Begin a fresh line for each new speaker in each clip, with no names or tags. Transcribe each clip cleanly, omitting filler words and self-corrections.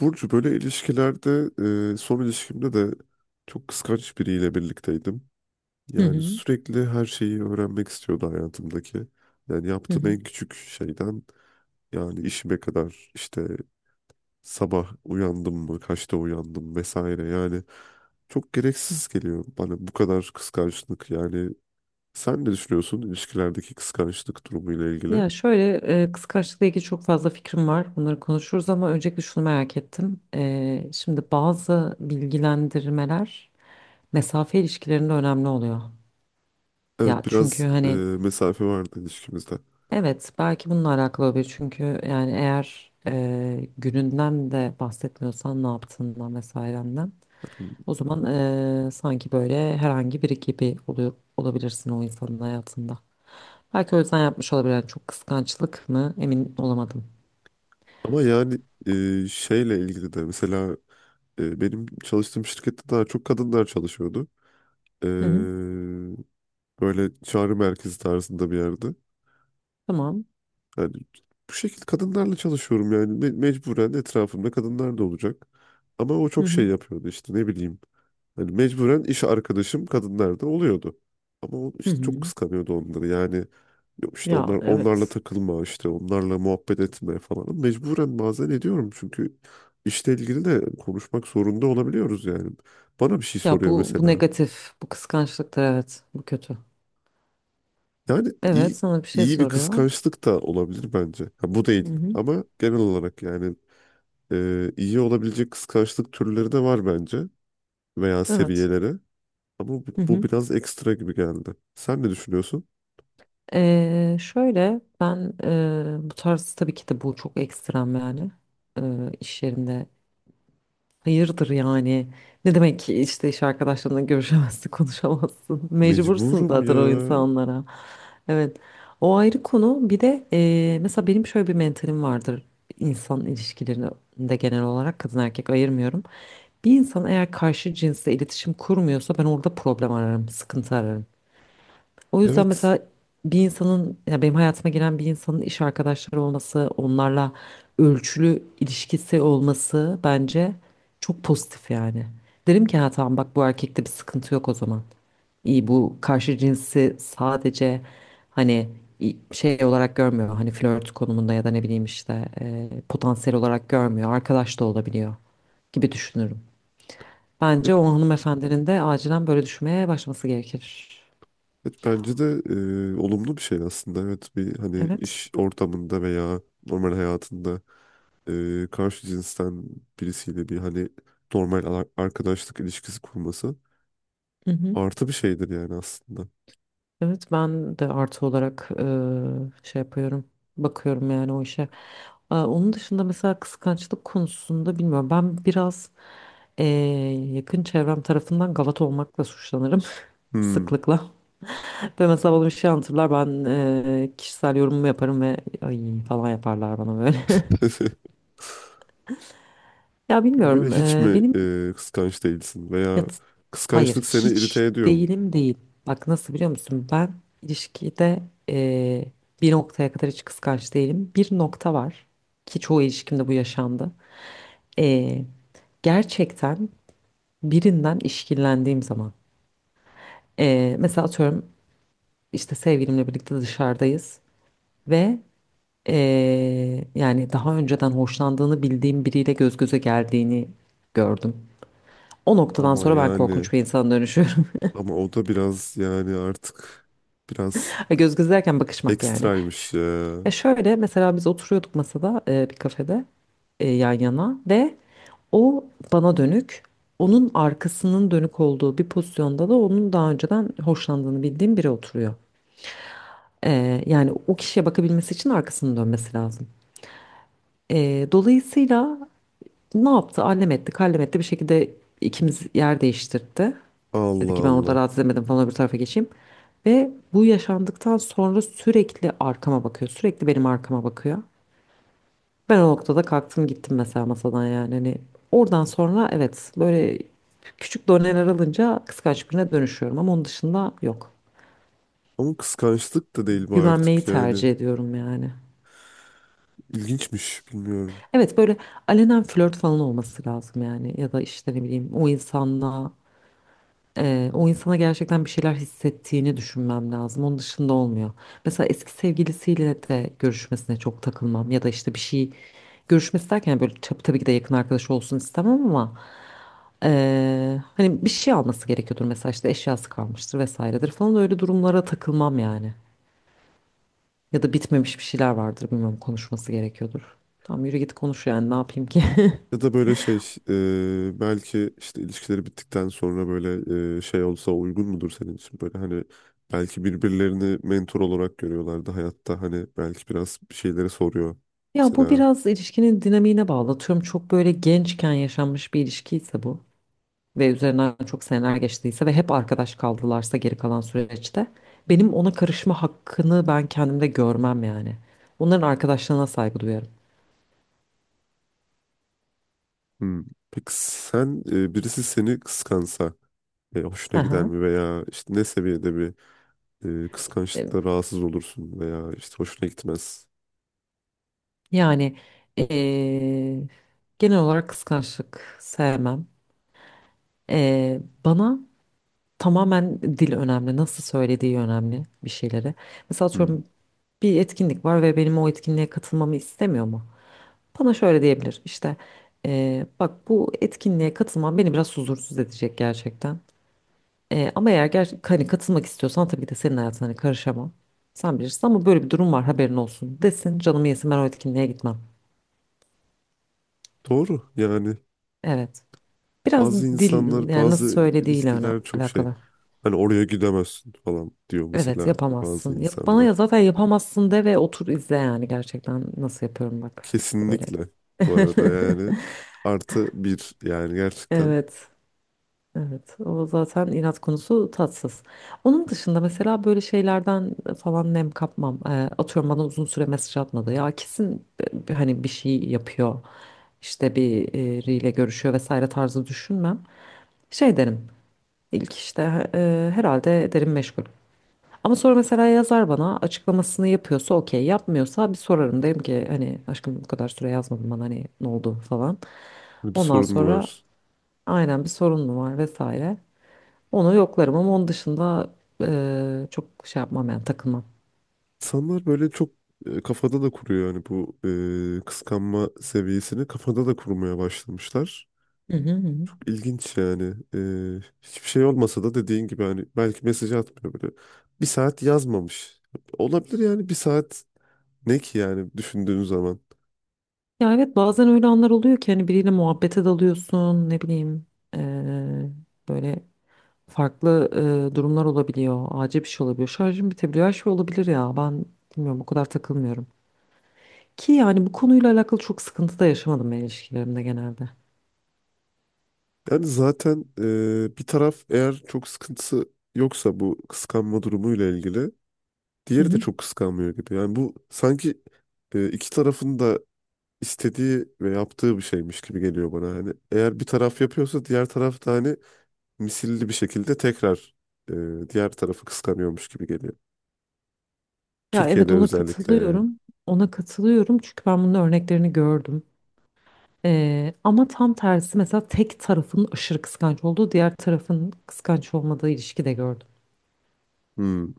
Burcu böyle ilişkilerde son ilişkimde de çok kıskanç biriyle birlikteydim.
Hı
Yani
hı,
sürekli her şeyi öğrenmek istiyordu hayatımdaki. Yani
hı
yaptığım
hı.
en küçük şeyden yani işime kadar işte sabah uyandım mı, kaçta uyandım vesaire. Yani çok gereksiz geliyor bana bu kadar kıskançlık. Yani sen ne düşünüyorsun ilişkilerdeki kıskançlık durumuyla ilgili?
Ya şöyle kıskançlıkla ilgili çok fazla fikrim var. Bunları konuşuruz ama öncelikle şunu merak ettim. Şimdi bazı bilgilendirmeler mesafe ilişkilerinde önemli oluyor. Ya
Evet
çünkü
biraz
hani
mesafe vardı ilişkimizde.
evet belki bununla alakalı olabilir. Çünkü yani eğer gününden de bahsetmiyorsan ne yaptığından vesairenden o zaman sanki böyle herhangi biri gibi oluyor, olabilirsin o insanın hayatında. Belki o yüzden yapmış olabilir. Yani çok kıskançlık mı emin olamadım.
Ama yani şeyle ilgili de mesela benim çalıştığım şirkette daha çok kadınlar çalışıyordu. E,
Hı hı.
Böyle çağrı merkezi tarzında bir yerde.
Tamam.
Yani bu şekilde kadınlarla çalışıyorum yani mecburen etrafımda kadınlar da olacak. Ama o
Hı
çok
hı.
şey yapıyordu işte ne bileyim. Hani mecburen iş arkadaşım kadınlar da oluyordu. Ama o
Hı
işte çok
hı.
kıskanıyordu onları. Yani yok işte
Ya
onlar onlarla
evet.
takılma, işte onlarla muhabbet etme falan. Mecburen bazen ediyorum çünkü işle ilgili de konuşmak zorunda olabiliyoruz yani. Bana bir şey
Ya
soruyor
bu
mesela.
negatif, bu kıskançlıktır, evet. Bu kötü.
Yani
Evet, sana bir şey
iyi bir
soruyor.
kıskançlık da olabilir bence. Ha, bu
Hı
değil
hı.
ama genel olarak yani iyi olabilecek kıskançlık türleri de var bence veya
Evet.
seviyeleri. Ama
Hı
bu
hı.
biraz ekstra gibi geldi. Sen ne düşünüyorsun?
Şöyle ben, bu tarz tabii ki de bu çok ekstrem yani. İş yerinde hayırdır yani? Ne demek ki işte iş arkadaşlarına görüşemezsin, konuşamazsın. Mecbursun
Mecburum
zaten
ya.
o insanlara. Evet. O ayrı konu. Bir de mesela benim şöyle bir mentalim vardır. İnsan ilişkilerinde genel olarak kadın erkek ayırmıyorum. Bir insan eğer karşı cinsle iletişim kurmuyorsa ben orada problem ararım, sıkıntı ararım. O yüzden
Evet.
mesela bir insanın ya benim hayatıma giren bir insanın iş arkadaşları olması, onlarla ölçülü ilişkisi olması bence çok pozitif yani. Derim ki ha tamam, bak bu erkekte bir sıkıntı yok o zaman. İyi, bu karşı cinsi sadece hani şey olarak görmüyor. Hani flört konumunda ya da ne bileyim işte potansiyel olarak görmüyor. Arkadaş da olabiliyor gibi düşünürüm. Bence
Evet,
o hanımefendinin de acilen böyle düşünmeye başlaması gerekir.
evet bence de olumlu bir şey aslında. Evet bir hani
Evet.
iş ortamında veya normal hayatında karşı cinsten birisiyle bir hani normal arkadaşlık ilişkisi kurması
Hı hı.
artı bir şeydir yani aslında.
Evet, ben de artı olarak şey yapıyorum. Bakıyorum yani o işe. E, onun dışında mesela kıskançlık konusunda bilmiyorum. Ben biraz e, yakın çevrem tarafından gavat olmakla suçlanırım
Hmm.
sıklıkla. Ve mesela bana bir şey anlatırlar, ben kişisel yorumumu yaparım ve ay falan yaparlar bana böyle. Ya
Peki böyle
bilmiyorum,
hiç mi kıskanç değilsin veya
Ya t- hayır,
kıskançlık seni irite
hiç
ediyor mu?
değilim değil. Bak nasıl, biliyor musun? Ben ilişkide eee, bir noktaya kadar hiç kıskanç değilim. Bir nokta var ki çoğu ilişkimde bu yaşandı. Eee, Gerçekten birinden işkillendiğim zaman. Mesela atıyorum işte sevgilimle birlikte dışarıdayız ve yani daha önceden hoşlandığını bildiğim biriyle göz göze geldiğini gördüm. O noktadan
Ama
sonra ben
yani
korkunç bir insana dönüşüyorum.
ama o da biraz yani artık biraz
Göz göze derken bakışmak yani.
ekstraymış ya.
E şöyle, mesela biz oturuyorduk masada, bir kafede, yan yana ve o bana dönük, onun arkasının dönük olduğu bir pozisyonda da onun daha önceden hoşlandığını bildiğim biri oturuyor. E, yani o kişiye bakabilmesi için arkasını dönmesi lazım. E, dolayısıyla ne yaptı? Allem etti, kallem etti, bir şekilde ikimiz yer değiştirdi. Dedi ki
Allah
ben orada
Allah.
rahatsız edemedim falan, öbür tarafa geçeyim. Ve bu yaşandıktan sonra sürekli arkama bakıyor, sürekli benim arkama bakıyor. Ben o noktada kalktım gittim mesela masadan yani. Hani oradan sonra, evet, böyle küçük doneler alınca kıskanç birine dönüşüyorum ama onun dışında yok.
Ama kıskançlık da değil bu
Güvenmeyi
artık yani.
tercih ediyorum yani.
İlginçmiş bilmiyorum.
Evet, böyle alenen flört falan olması lazım yani ya da işte ne bileyim o insanla o insana gerçekten bir şeyler hissettiğini düşünmem lazım. Onun dışında olmuyor. Mesela eski sevgilisiyle de görüşmesine çok takılmam ya da işte bir şey, görüşmesi derken böyle tabii ki de yakın arkadaş olsun istemem ama hani bir şey alması gerekiyordur mesela, işte eşyası kalmıştır vesairedir falan, öyle durumlara takılmam yani. Ya da bitmemiş bir şeyler vardır, bilmiyorum, konuşması gerekiyordur. Tamam, yürü git konuş yani, ne yapayım ki?
Ya da böyle şey belki işte ilişkileri bittikten sonra böyle şey olsa uygun mudur senin için? Böyle hani belki birbirlerini mentor olarak görüyorlardı hayatta. Hani belki biraz bir şeyleri soruyor.
Ya bu
Mesela
biraz ilişkinin dinamiğine bağlı. Atıyorum çok böyle gençken yaşanmış bir ilişkiyse bu ve üzerinden çok seneler geçtiyse ve hep arkadaş kaldılarsa geri kalan süreçte benim ona karışma hakkını ben kendimde görmem yani. Onların arkadaşlığına saygı duyarım.
hmm, peki sen birisi seni kıskansa
Hı
hoşuna gider
hı.
mi veya işte ne seviyede bir
E,
kıskançlıkla rahatsız olursun veya işte hoşuna gitmez.
Yani e, genel olarak kıskançlık sevmem. E, bana tamamen dil önemli, nasıl söylediği önemli bir şeyleri. Mesela
Hmm,
atıyorum bir etkinlik var ve benim o etkinliğe katılmamı istemiyor mu? Bana şöyle diyebilir işte: bak bu etkinliğe katılman beni biraz huzursuz edecek gerçekten. Ama eğer hani katılmak istiyorsan tabii ki de senin hayatına hani karışamam. Sen bilirsin ama böyle bir durum var, haberin olsun desin, canımı yesin, ben o etkinliğe gitmem.
doğru yani.
Evet, biraz
Bazı
dil
insanlar,
yani nasıl
bazı
söylediğiyle öne
ilişkiler çok şey.
alakalı.
Hani oraya gidemezsin falan diyor
Evet
mesela bazı
yapamazsın. Yap bana ya,
insanlar.
zaten yapamazsın de ve otur izle yani gerçekten nasıl yapıyorum, bak öyle.
Kesinlikle bu arada yani artı bir yani gerçekten
Evet. Evet, o zaten inat konusu, tatsız. Onun dışında mesela böyle şeylerden falan nem kapmam. Atıyorum bana uzun süre mesaj atmadı. Ya kesin, hani bir şey yapıyor. İşte biriyle görüşüyor vesaire tarzı düşünmem. Şey derim. İlk işte herhalde derim meşgul. Ama sonra mesela yazar bana, açıklamasını yapıyorsa okey, yapmıyorsa bir sorarım. Derim ki hani aşkım bu kadar süre yazmadın bana, hani ne oldu falan.
bir
Ondan
sorun
sonra
var.
aynen, bir sorun mu var vesaire. Onu yoklarım ama onun dışında çok şey yapmam yani, takılmam.
İnsanlar böyle çok kafada da kuruyor yani bu kıskanma seviyesini kafada da kurmaya başlamışlar.
Hı hı hı. Hı.
İlginç yani. Hiçbir şey olmasa da dediğin gibi hani belki mesaj atmıyor böyle. Bir saat yazmamış. Olabilir yani bir saat ne ki yani düşündüğün zaman.
Ya evet bazen öyle anlar oluyor ki hani biriyle muhabbete dalıyorsun, ne bileyim, eee, böyle farklı durumlar olabiliyor. Acil bir şey olabiliyor. Şarjım bitebiliyor. Her şey olabilir ya. Ben bilmiyorum, o kadar takılmıyorum. Ki yani bu konuyla alakalı çok sıkıntı da yaşamadım ben ilişkilerimde genelde.
Yani zaten bir taraf eğer çok sıkıntısı yoksa bu kıskanma durumuyla ilgili
Hı
diğeri de
hı.
çok kıskanmıyor gibi. Yani bu sanki iki tarafın da istediği ve yaptığı bir şeymiş gibi geliyor bana. Hani eğer bir taraf yapıyorsa diğer taraf da hani misilli bir şekilde tekrar diğer tarafı kıskanıyormuş gibi geliyor.
Ya evet,
Türkiye'de
ona
özellikle yani.
katılıyorum. Ona katılıyorum çünkü ben bunun örneklerini gördüm. Ama tam tersi, mesela tek tarafın aşırı kıskanç olduğu, diğer tarafın kıskanç olmadığı ilişki de gördüm.
Hmm.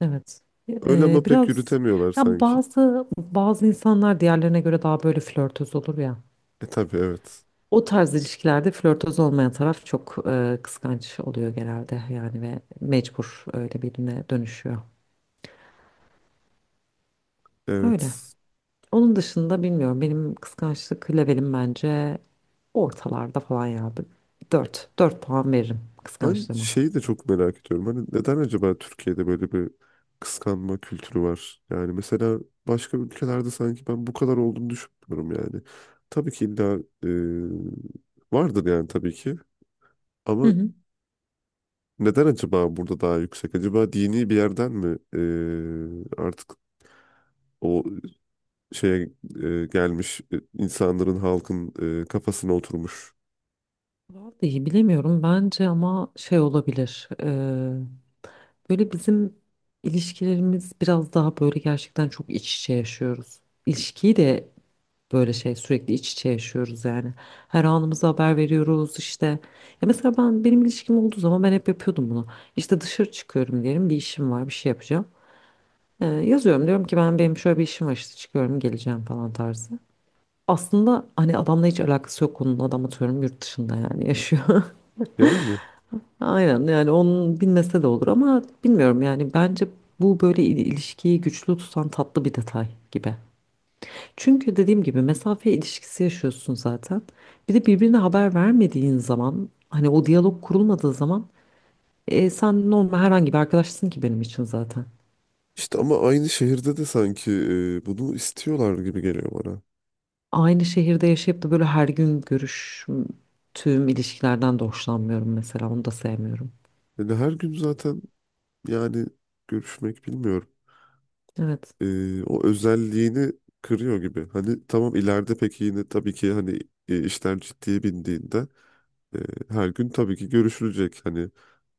Evet.
Öyle ama pek
Biraz
yürütemiyorlar
ya
sanki.
bazı insanlar diğerlerine göre daha böyle flörtöz olur ya.
E tabii evet.
O tarz ilişkilerde flörtöz olmayan taraf çok kıskanç oluyor genelde yani ve mecbur öyle birine dönüşüyor. Öyle.
Evet.
Onun dışında bilmiyorum, benim kıskançlık levelim bence ortalarda falan ya. Dört. Dört puan veririm
Ben
kıskançlığıma.
şeyi de çok merak ediyorum. Hani neden acaba Türkiye'de böyle bir kıskanma kültürü var? Yani mesela başka ülkelerde sanki ben bu kadar olduğunu düşünmüyorum yani. Tabii ki illa e, vardır yani tabii ki.
Hı
Ama
hı.
neden acaba burada daha yüksek? Acaba dini bir yerden mi artık o şeye gelmiş insanların halkın kafasına oturmuş.
Vallahi bilemiyorum, bence ama şey olabilir. Böyle bizim ilişkilerimiz biraz daha böyle gerçekten çok iç içe yaşıyoruz. İlişkiyi de böyle şey, sürekli iç içe yaşıyoruz yani. Her anımıza haber veriyoruz işte. Ya mesela benim ilişkim olduğu zaman ben hep yapıyordum bunu. İşte dışarı çıkıyorum diyelim, bir işim var, bir şey yapacağım. Yazıyorum, diyorum ki benim şöyle bir işim var işte, çıkıyorum, geleceğim falan tarzı. Aslında hani adamla hiç alakası yok konunun, adam atıyorum yurt dışında yani yaşıyor.
Yani
Aynen yani, onun bilmese de olur ama bilmiyorum yani bence bu böyle ilişkiyi güçlü tutan tatlı bir detay gibi. Çünkü dediğim gibi mesafe ilişkisi yaşıyorsun zaten. Bir de birbirine haber vermediğin zaman hani o diyalog kurulmadığı zaman sen normal herhangi bir arkadaşsın ki benim için zaten.
işte ama aynı şehirde de sanki bunu istiyorlar gibi geliyor bana.
Aynı şehirde yaşayıp da böyle her gün görüştüğüm ilişkilerden de hoşlanmıyorum mesela, onu da sevmiyorum.
Yani her gün zaten yani görüşmek bilmiyorum.
Evet.
O özelliğini kırıyor gibi. Hani tamam ileride peki yine tabii ki hani işler ciddiye bindiğinde e, her gün tabii ki görüşülecek. Hani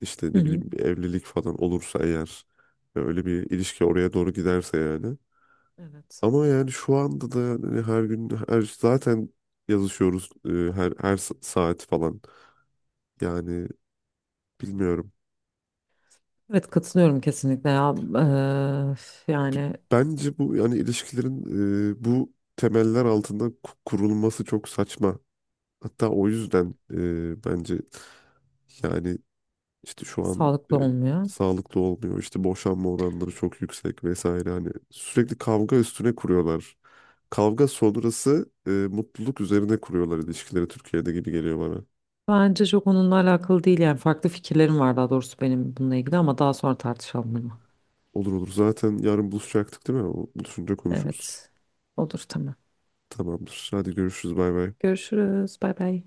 işte
Hı
ne
hı.
bileyim bir evlilik falan olursa eğer öyle bir ilişki oraya doğru giderse yani.
Evet.
Ama yani şu anda da hani her gün her zaten yazışıyoruz her saat falan. Yani bilmiyorum.
Evet, katılıyorum kesinlikle ya. Yani
Bence bu yani ilişkilerin bu temeller altında kurulması çok saçma. Hatta o yüzden bence yani işte şu an
sağlıklı olmuyor.
sağlıklı olmuyor. İşte boşanma oranları çok yüksek vesaire. Hani sürekli kavga üstüne kuruyorlar. Kavga sonrası mutluluk üzerine kuruyorlar ilişkileri Türkiye'de gibi geliyor bana.
Bence çok onunla alakalı değil yani, farklı fikirlerim var daha doğrusu benim bununla ilgili ama daha sonra tartışalım bunu.
Olur olur. Zaten yarın buluşacaktık değil mi? O buluşunca konuşuruz.
Evet. Olur, tamam.
Tamamdır. Hadi görüşürüz. Bay bay.
Görüşürüz. Bay bay.